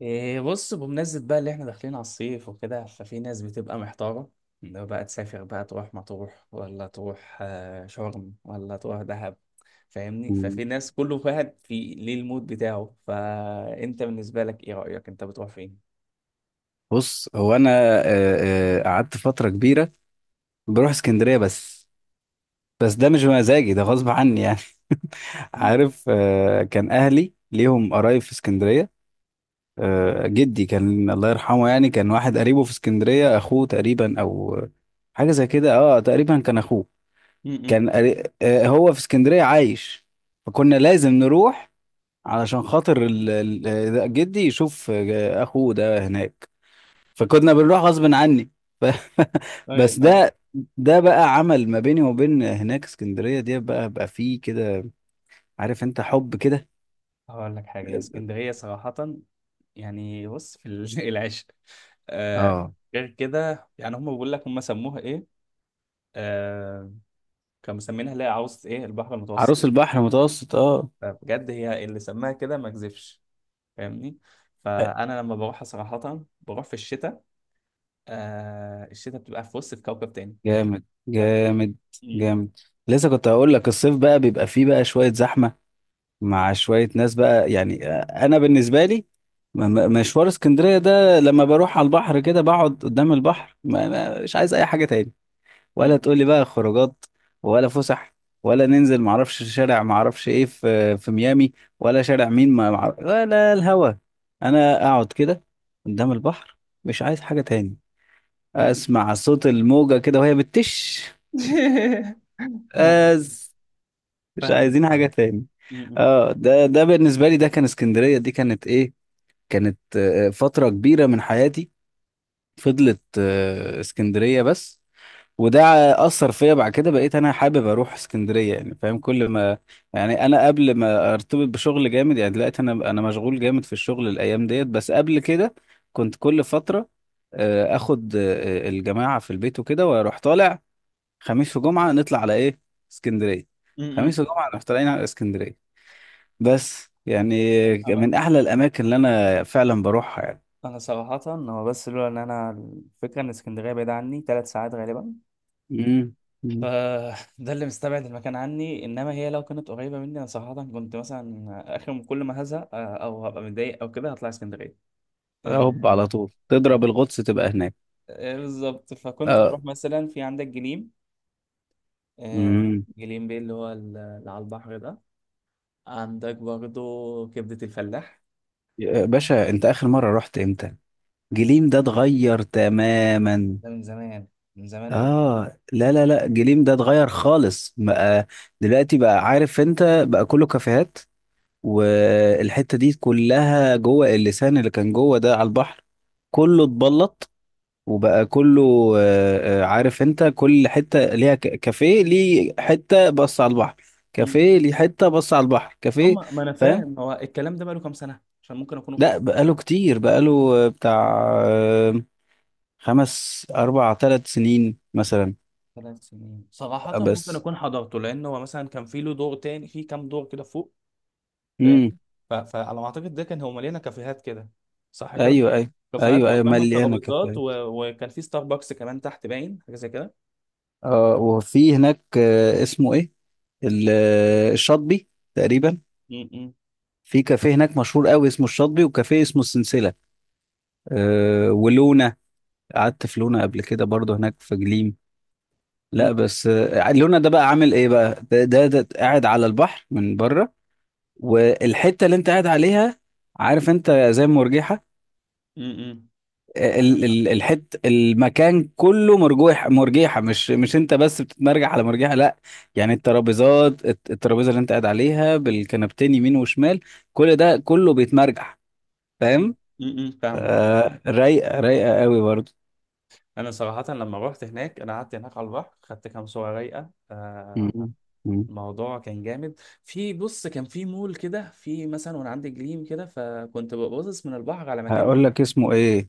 إيه بص، بمناسبة بقى اللي احنا داخلين على الصيف وكده، ففي ناس بتبقى محتارة، لو بقى تسافر بقى تروح مطروح ولا تروح شرم ولا تروح دهب. فاهمني؟ ففي مم. ناس، كل واحد في ليه المود بتاعه، فانت بالنسبة لك ايه رأيك؟ انت بتروح فين؟ بص، هو انا، قعدت فتره كبيره. بروح اسكندريه بس ده مش مزاجي، ده غصب عني يعني. مم. عارف، كان اهلي ليهم قرايب في اسكندريه. جدي كان الله يرحمه، يعني كان واحد قريبه في اسكندريه، اخوه تقريبا او حاجه زي كده. اه تقريبا كان اخوه. م-م. كان هو في اسكندريه عايش. فكنا لازم نروح علشان خاطر جدي يشوف اخوه ده هناك. فكنا بنروح غصب عني. ف... بس طيب. آه. ده بقى عمل ما بيني وبين هناك. اسكندرية دي بقى فيه كده، عارف انت، حب كده. هقول لك حاجة يا اسكندرية صراحة، يعني بص في العشق. آه، اه، غير كده يعني، هم بيقول لك هم سموها ايه؟ آه، كانوا مسمينها اللي هي عاوز ايه، البحر المتوسط. عروس البحر متوسط، اه. فبجد هي اللي سماها كده، ما كذبش. فاهمني؟ فانا لما بروح صراحه بروح في الشتاء. آه الشتاء بتبقى في وسط، في كوكب تاني. جامد ف... جامد م- جامد. لسه كنت هقول لك، الصيف بقى بيبقى فيه بقى شوية زحمة، مع شوية ناس بقى يعني. انا بالنسبة لي مشوار اسكندرية ده، لما بروح على البحر كده بقعد قدام البحر، مش عايز اي حاجة تاني. ولا م- تقول لي بقى خروجات، ولا فسح، ولا ننزل معرفش شارع معرفش ايه في ميامي، ولا شارع مين ما معرف... ولا الهوا. انا اقعد كده قدام البحر، مش عايز حاجة تاني. م- م- اسمع صوت الموجة كده وهي بتش فاهم أز. مش فاهم عايزين حاجة فاهم. تاني. م- اه، ده بالنسبة لي، ده كان اسكندرية دي كانت ايه، كانت فترة كبيرة من حياتي. فضلت اسكندرية بس، وده اثر فيا. بعد كده بقيت انا حابب اروح اسكندريه يعني، فاهم، كل ما يعني انا قبل ما ارتبط بشغل جامد، يعني دلوقتي انا مشغول جامد في الشغل الايام ديت. بس قبل كده كنت كل فتره اخد الجماعه في البيت وكده واروح طالع. خميس وجمعه نطلع على ايه؟ اسكندريه. م- م- خميس وجمعه نروح طالعين على اسكندريه. بس يعني انا من احلى الاماكن اللي انا فعلا بروحها يعني. انا صراحه، هو بس لولا ان انا الفكره ان اسكندريه بعيده عني 3 ساعات غالبا، امم. فده اللي مستبعد المكان عني. انما هي لو كانت قريبه مني، انا صراحه كنت مثلا اخر كل ما هزهق او هبقى متضايق او كده، هطلع اسكندريه. هوب على طول تضرب الغطس تبقى هناك. بالظبط. فكنت اه. اروح مثلا في عندك جليم، آه، جليم بيه، اللي هو اللي على البحر ده. عندك برضو كبدة الفلاح. يا باشا، انت اخر مرة رحت امتى؟ انا جليم ده اتغير تماما. ده من زمان، من زمان قوي. اه لا لا لا، جليم ده اتغير خالص بقى. دلوقتي بقى عارف انت بقى كله كافيهات، والحتة دي كلها جوه اللسان اللي كان جوه ده على البحر، كله اتبلط وبقى كله، عارف انت، كل حتة ليها كافيه، ليه حتة بص على البحر مم. كافيه، ليه حتة بص على البحر كافيه. هم، ما انا فاهم. فاهم، هو الكلام ده بقاله كام سنة؟ عشان ممكن اكون رحت. لا، بقاله كام؟ كتير، بقاله بتاع آه، خمس اربع ثلاث سنين مثلا. 3 سنين صراحة، ممكن بس. اكون حضرته، لان هو مثلا كان في له دور تاني، في كام دور كده فوق. فاهم؟ امم. فعلى ما اعتقد ده كان هو مليانة كافيهات كده، صح كده. ايوه ايوه. كافيهات ايوه ايوه وقدامها مليانه الترابيزات كافيهات. وكان في ستاربكس كمان تحت، باين حاجة زي اه، وفي هناك اسمه ايه، الشاطبي تقريبا. كده. في كافيه هناك مشهور قوي اسمه الشاطبي، وكافيه اسمه السلسله. ولونا. قعدت في لونا قبل كده برضو هناك في جليم. لا امم. بس لونا ده بقى عامل ايه بقى، ده قاعد على البحر من بره. والحته اللي انت قاعد عليها، عارف انت، زي المرجحه. امم. عارفها. الحت المكان كله مرجوح مرجيحه، مش انت بس بتتمرجح على مرجيحه، لا، يعني الترابيزات، الترابيزه اللي انت قاعد عليها بالكنبتين يمين وشمال، كل ده كله بيتمرجح. فاهم. امم، فاهمك. رايقه رايقه قوي برضه. انا صراحه لما رحت هناك، انا قعدت هناك على البحر، خدت كام صوره رايقه. مم. مم. الموضوع كان جامد. في بص كان في مول كده، في مثلا، وانا عندي جليم كده، فكنت ببصص من البحر على مكان. هقول لك اسمه ايه.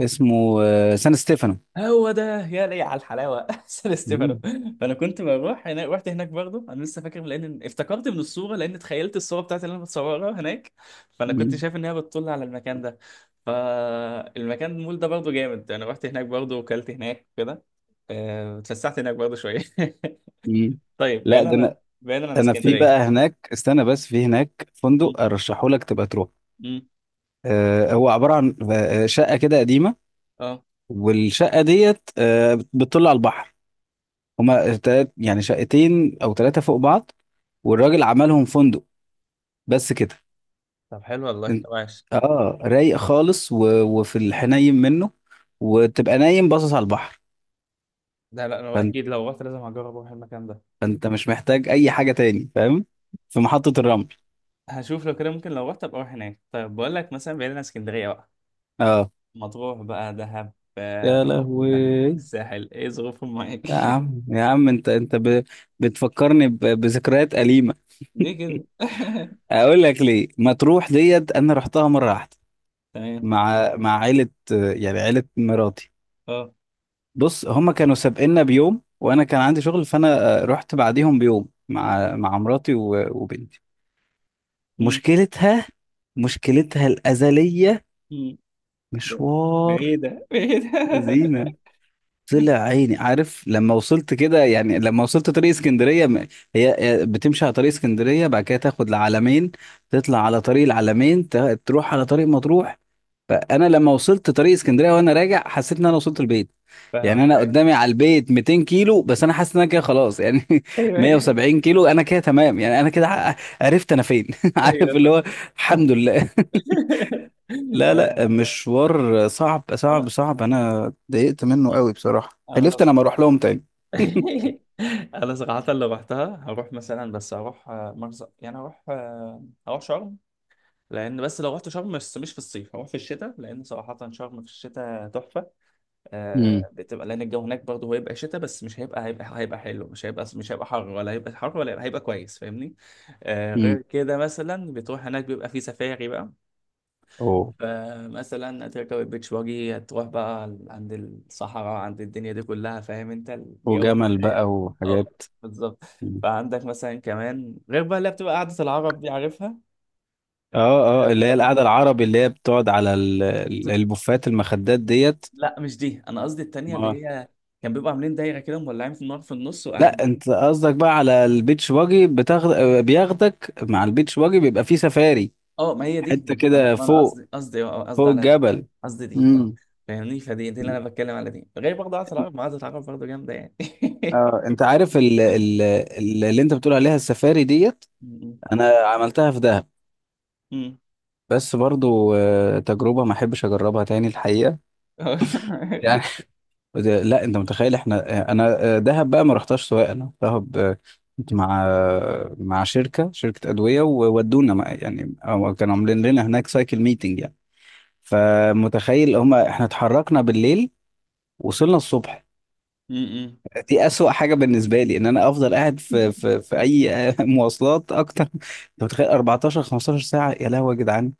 اسمه سان ستيفانو. هو ده، يا لي على الحلاوه! سان ستيفانو. مم. فانا كنت بروح هناك، رحت هناك برضه. انا لسه فاكر، لان افتكرت من الصوره، لان تخيلت الصوره بتاعتي اللي انا بتصورها هناك. فانا كنت مم. شايف ان هي بتطل على المكان ده. فالمكان، المول ده برضه جامد. انا رحت هناك برضه، وكلت هناك كده، اتفسحت هناك برضه شويه. مم. طيب، لا بعيدا ده انا عن بعيدا عن ده انا في بقى اسكندريه. هناك، استنى، بس في هناك م- فندق ارشحه لك تبقى تروح. م. هو عباره عن شقه كده قديمه، اه، والشقة ديت بتطل على البحر. هما تلات يعني شقتين او ثلاثة فوق بعض، والراجل عملهم فندق. بس كده. طب حلو والله، إن- طب عاش. اه رايق خالص، وفي الحنين منه، وتبقى نايم باصص على البحر. لا لا، انا فانت... اكيد لو رحت لازم هجرب اروح المكان فانت مش محتاج اي حاجة تاني، فاهم، في محطة ده. الرمل. هشوف لو كده ممكن، لو رحت ابقى اروح هناك. طيب، بقول لك مثلا، بعيد عن اسكندريه بقى، اه. مطروح بقى، دهب، يا لهوي. الساحل، ايه ظروفهم معاك؟ يا عم يا عم، انت بتفكرني بذكريات أليمة. ليه كده؟ اقول لك ليه. مطروح ديت انا رحتها مرة واحدة تمام. مع عيلة، يعني عيلة مراتي. اه. بص هما كانوا سابقنا بيوم، وانا كان عندي شغل، فانا رحت بعديهم بيوم مع مراتي وبنتي. أمم. مشكلتها مشكلتها الأزلية، أمم. ب- مشوار. بعيده بعيده. زينة. طلع عيني. عارف لما وصلت كده، يعني لما وصلت طريق اسكندريه، هي بتمشي على طريق اسكندريه، بعد كده تاخد العلمين، تطلع على طريق العلمين، تروح على طريق مطروح. فانا لما وصلت طريق اسكندريه وانا راجع، حسيت ان انا وصلت البيت. يعني فاهمك. انا ايوه، قدامي على البيت 200 كيلو بس انا حاسس ان انا كده خلاص يعني. ايوه، 170 كيلو انا كده تمام يعني، انا كده عرفت انا فين. عارف ايوه، اللي هو فاهم. الحمد لله. لا آه، لا، مشوار صعب صعب انا صعب. انا اتضايقت منه قوي بصراحة، انا حلفت انا لص. ما اروح لهم تاني. انا صراحه اللي رحتها هروح مثلا، بس هروح مرسى، يعني هروح هروح شرم. لان بس لو رحت شرم، بس مش في الصيف، هروح في الشتاء، لان صراحه شرم في الشتاء تحفه. امم. آه، بتبقى، لان الجو هناك برضه هيبقى شتاء، بس مش هيبقى حلو، مش هيبقى حر، ولا هيبقى حر، هيبقى كويس، فاهمني؟ آه، امم. غير كده مثلا بتروح هناك، بيبقى في سفاري بقى. اوه. فمثلا هتركب البيتش باجي، هتروح بقى عند الصحراء، عند الدنيا دي كلها، فاهم انت، الجو في وجمل الحقيقة. بقى اه، وحاجات. بالظبط. مم. فعندك مثلا كمان، غير بقى اللي بتبقى قعدة العرب دي، عارفها؟ اه اه، اللي هي القعدة العربي اللي هي بتقعد على البوفات المخدات ديت. لا مش دي، انا قصدي التانية، اللي ما هي كان بيبقوا عاملين دايره كده، مولعين في النار في النص لا، وقاعدين. انت قصدك بقى على البيتش باجي بتاخد، بياخدك مع البيتش باجي بيبقى فيه سفاري، اه، ما هي دي! ما حتة انا ما أنا كده ما أنا فوق قصدي، قصدي، فوق قصدي على دي. الجبل. قصدي دي، اه. امم. فاهمني؟ فدي اللي انا بتكلم على دي. غير برضه عاده العرب، ما عاده العرب برضه جامده يعني. اه، انت عارف اللي انت بتقول عليها السفاري ديت، م- انا عملتها في دهب. م- م. بس برضو تجربه ما احبش اجربها تاني الحقيقه يعني. لا انت متخيل، انا دهب بقى ما رحتهاش سواء. انا دهب كنت مع مع شركه ادويه وودونا يعني، أو كانوا عاملين لنا هناك سايكل ميتنج يعني. فمتخيل هما احنا اتحركنا بالليل، وصلنا الصبح. م- م. دي أسوأ حاجة بالنسبة لي إن أنا أفضل قاعد في أي مواصلات أكتر. أنت متخيل 14 15 ساعة؟ يا لهوي يا جدعان.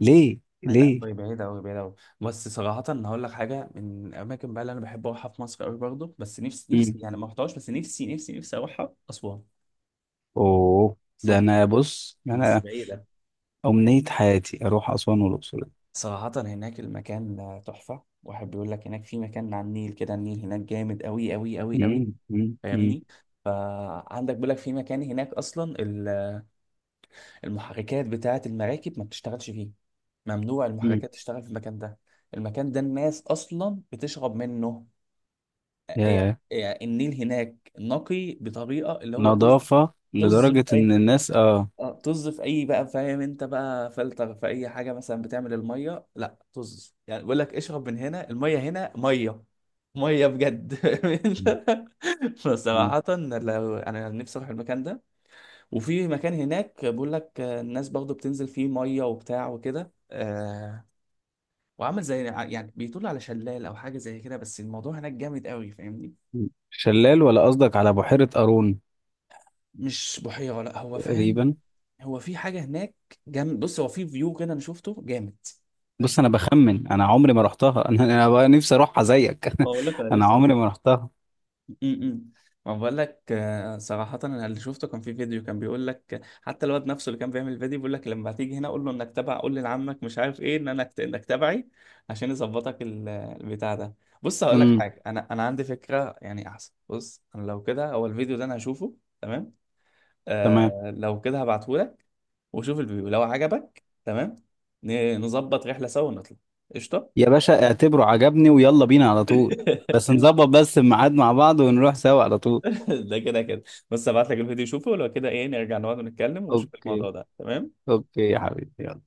ليه لا، ليه؟ بعيدة أوي، بعيدة أوي. بس صراحة، هقول لك حاجة، من الأماكن بقى اللي أنا بحب أروحها في مصر أوي برضه، بس نفسي نفسي، يعني ما رحتهاش، بس نفسي نفسي نفسي أروحها، أسوان. اوه. ده أسوان. انا بص بس انا بعيدة. امنية حياتي اروح اسوان والاقصر. صراحة هناك المكان تحفة. واحد بيقول لك هناك في مكان على النيل كده، النيل هناك جامد أوي أوي أوي أوي. مم، مم، مم. فاهمني؟ فعندك، بيقول لك في مكان هناك أصلا المحركات بتاعة المراكب ما بتشتغلش فيه، ممنوع مم. المحركات تشتغل في المكان ده. المكان ده الناس أصلا بتشرب منه. يعني ياه. يعني النيل هناك نقي بطريقة، اللي هو طز. نظافة طز في لدرجة ان أي، الناس اه. اه، طز في اي بقى، فاهم انت بقى، فلتر في اي حاجه مثلا بتعمل الميه، لا طز. يعني بيقول لك اشرب من هنا، الميه هنا ميه، ميه بجد. مم، مم. فصراحه لو، انا نفسي اروح المكان ده. وفي مكان هناك بيقول لك الناس برضه بتنزل فيه ميه وبتاع وكده، آه، وعامل زي يعني بيطل على شلال او حاجه زي كده، بس الموضوع هناك جامد قوي، فاهمني؟ مم. شلال ولا قصدك على بحيرة قارون؟ مش بحيره، لا، هو فاهم، تقريبا. هو في حاجه هناك جامد. بص هو في فيو كده انا شفته جامد، بص بس. انا بخمن انا عمري ما رحتها. انا بقى نفسي اروحها زيك. بقول لك انا انا لسه. عمري ما رحتها. امم. ما بقول لك، صراحة انا اللي شفته كان في فيديو، كان بيقول لك حتى الواد نفسه اللي كان بيعمل الفيديو بيقول لك لما تيجي هنا قول له انك تبع، قول لي لعمك مش عارف ايه، ان انا انك تبعي، عشان يظبطك البتاع ده. بص، هقول لك امم. حاجة، انا عندي فكرة، يعني احسن. بص انا لو كده، هو الفيديو ده انا هشوفه، تمام. تمام. آه، لو كده هبعته لك، وشوف الفيديو، لو عجبك تمام، نظبط رحلة سوا ونطلع. قشطة. يا باشا اعتبره عجبني ويلا بينا على طول. بس نظبط بس الميعاد مع بعض ونروح سوا على طول. ده كده كده. بس ابعت لك الفيديو، شوفه، ولو كده ايه، نرجع نقعد ونتكلم ونشوف اوكي. الموضوع ده، تمام. اوكي يا حبيبي يلا.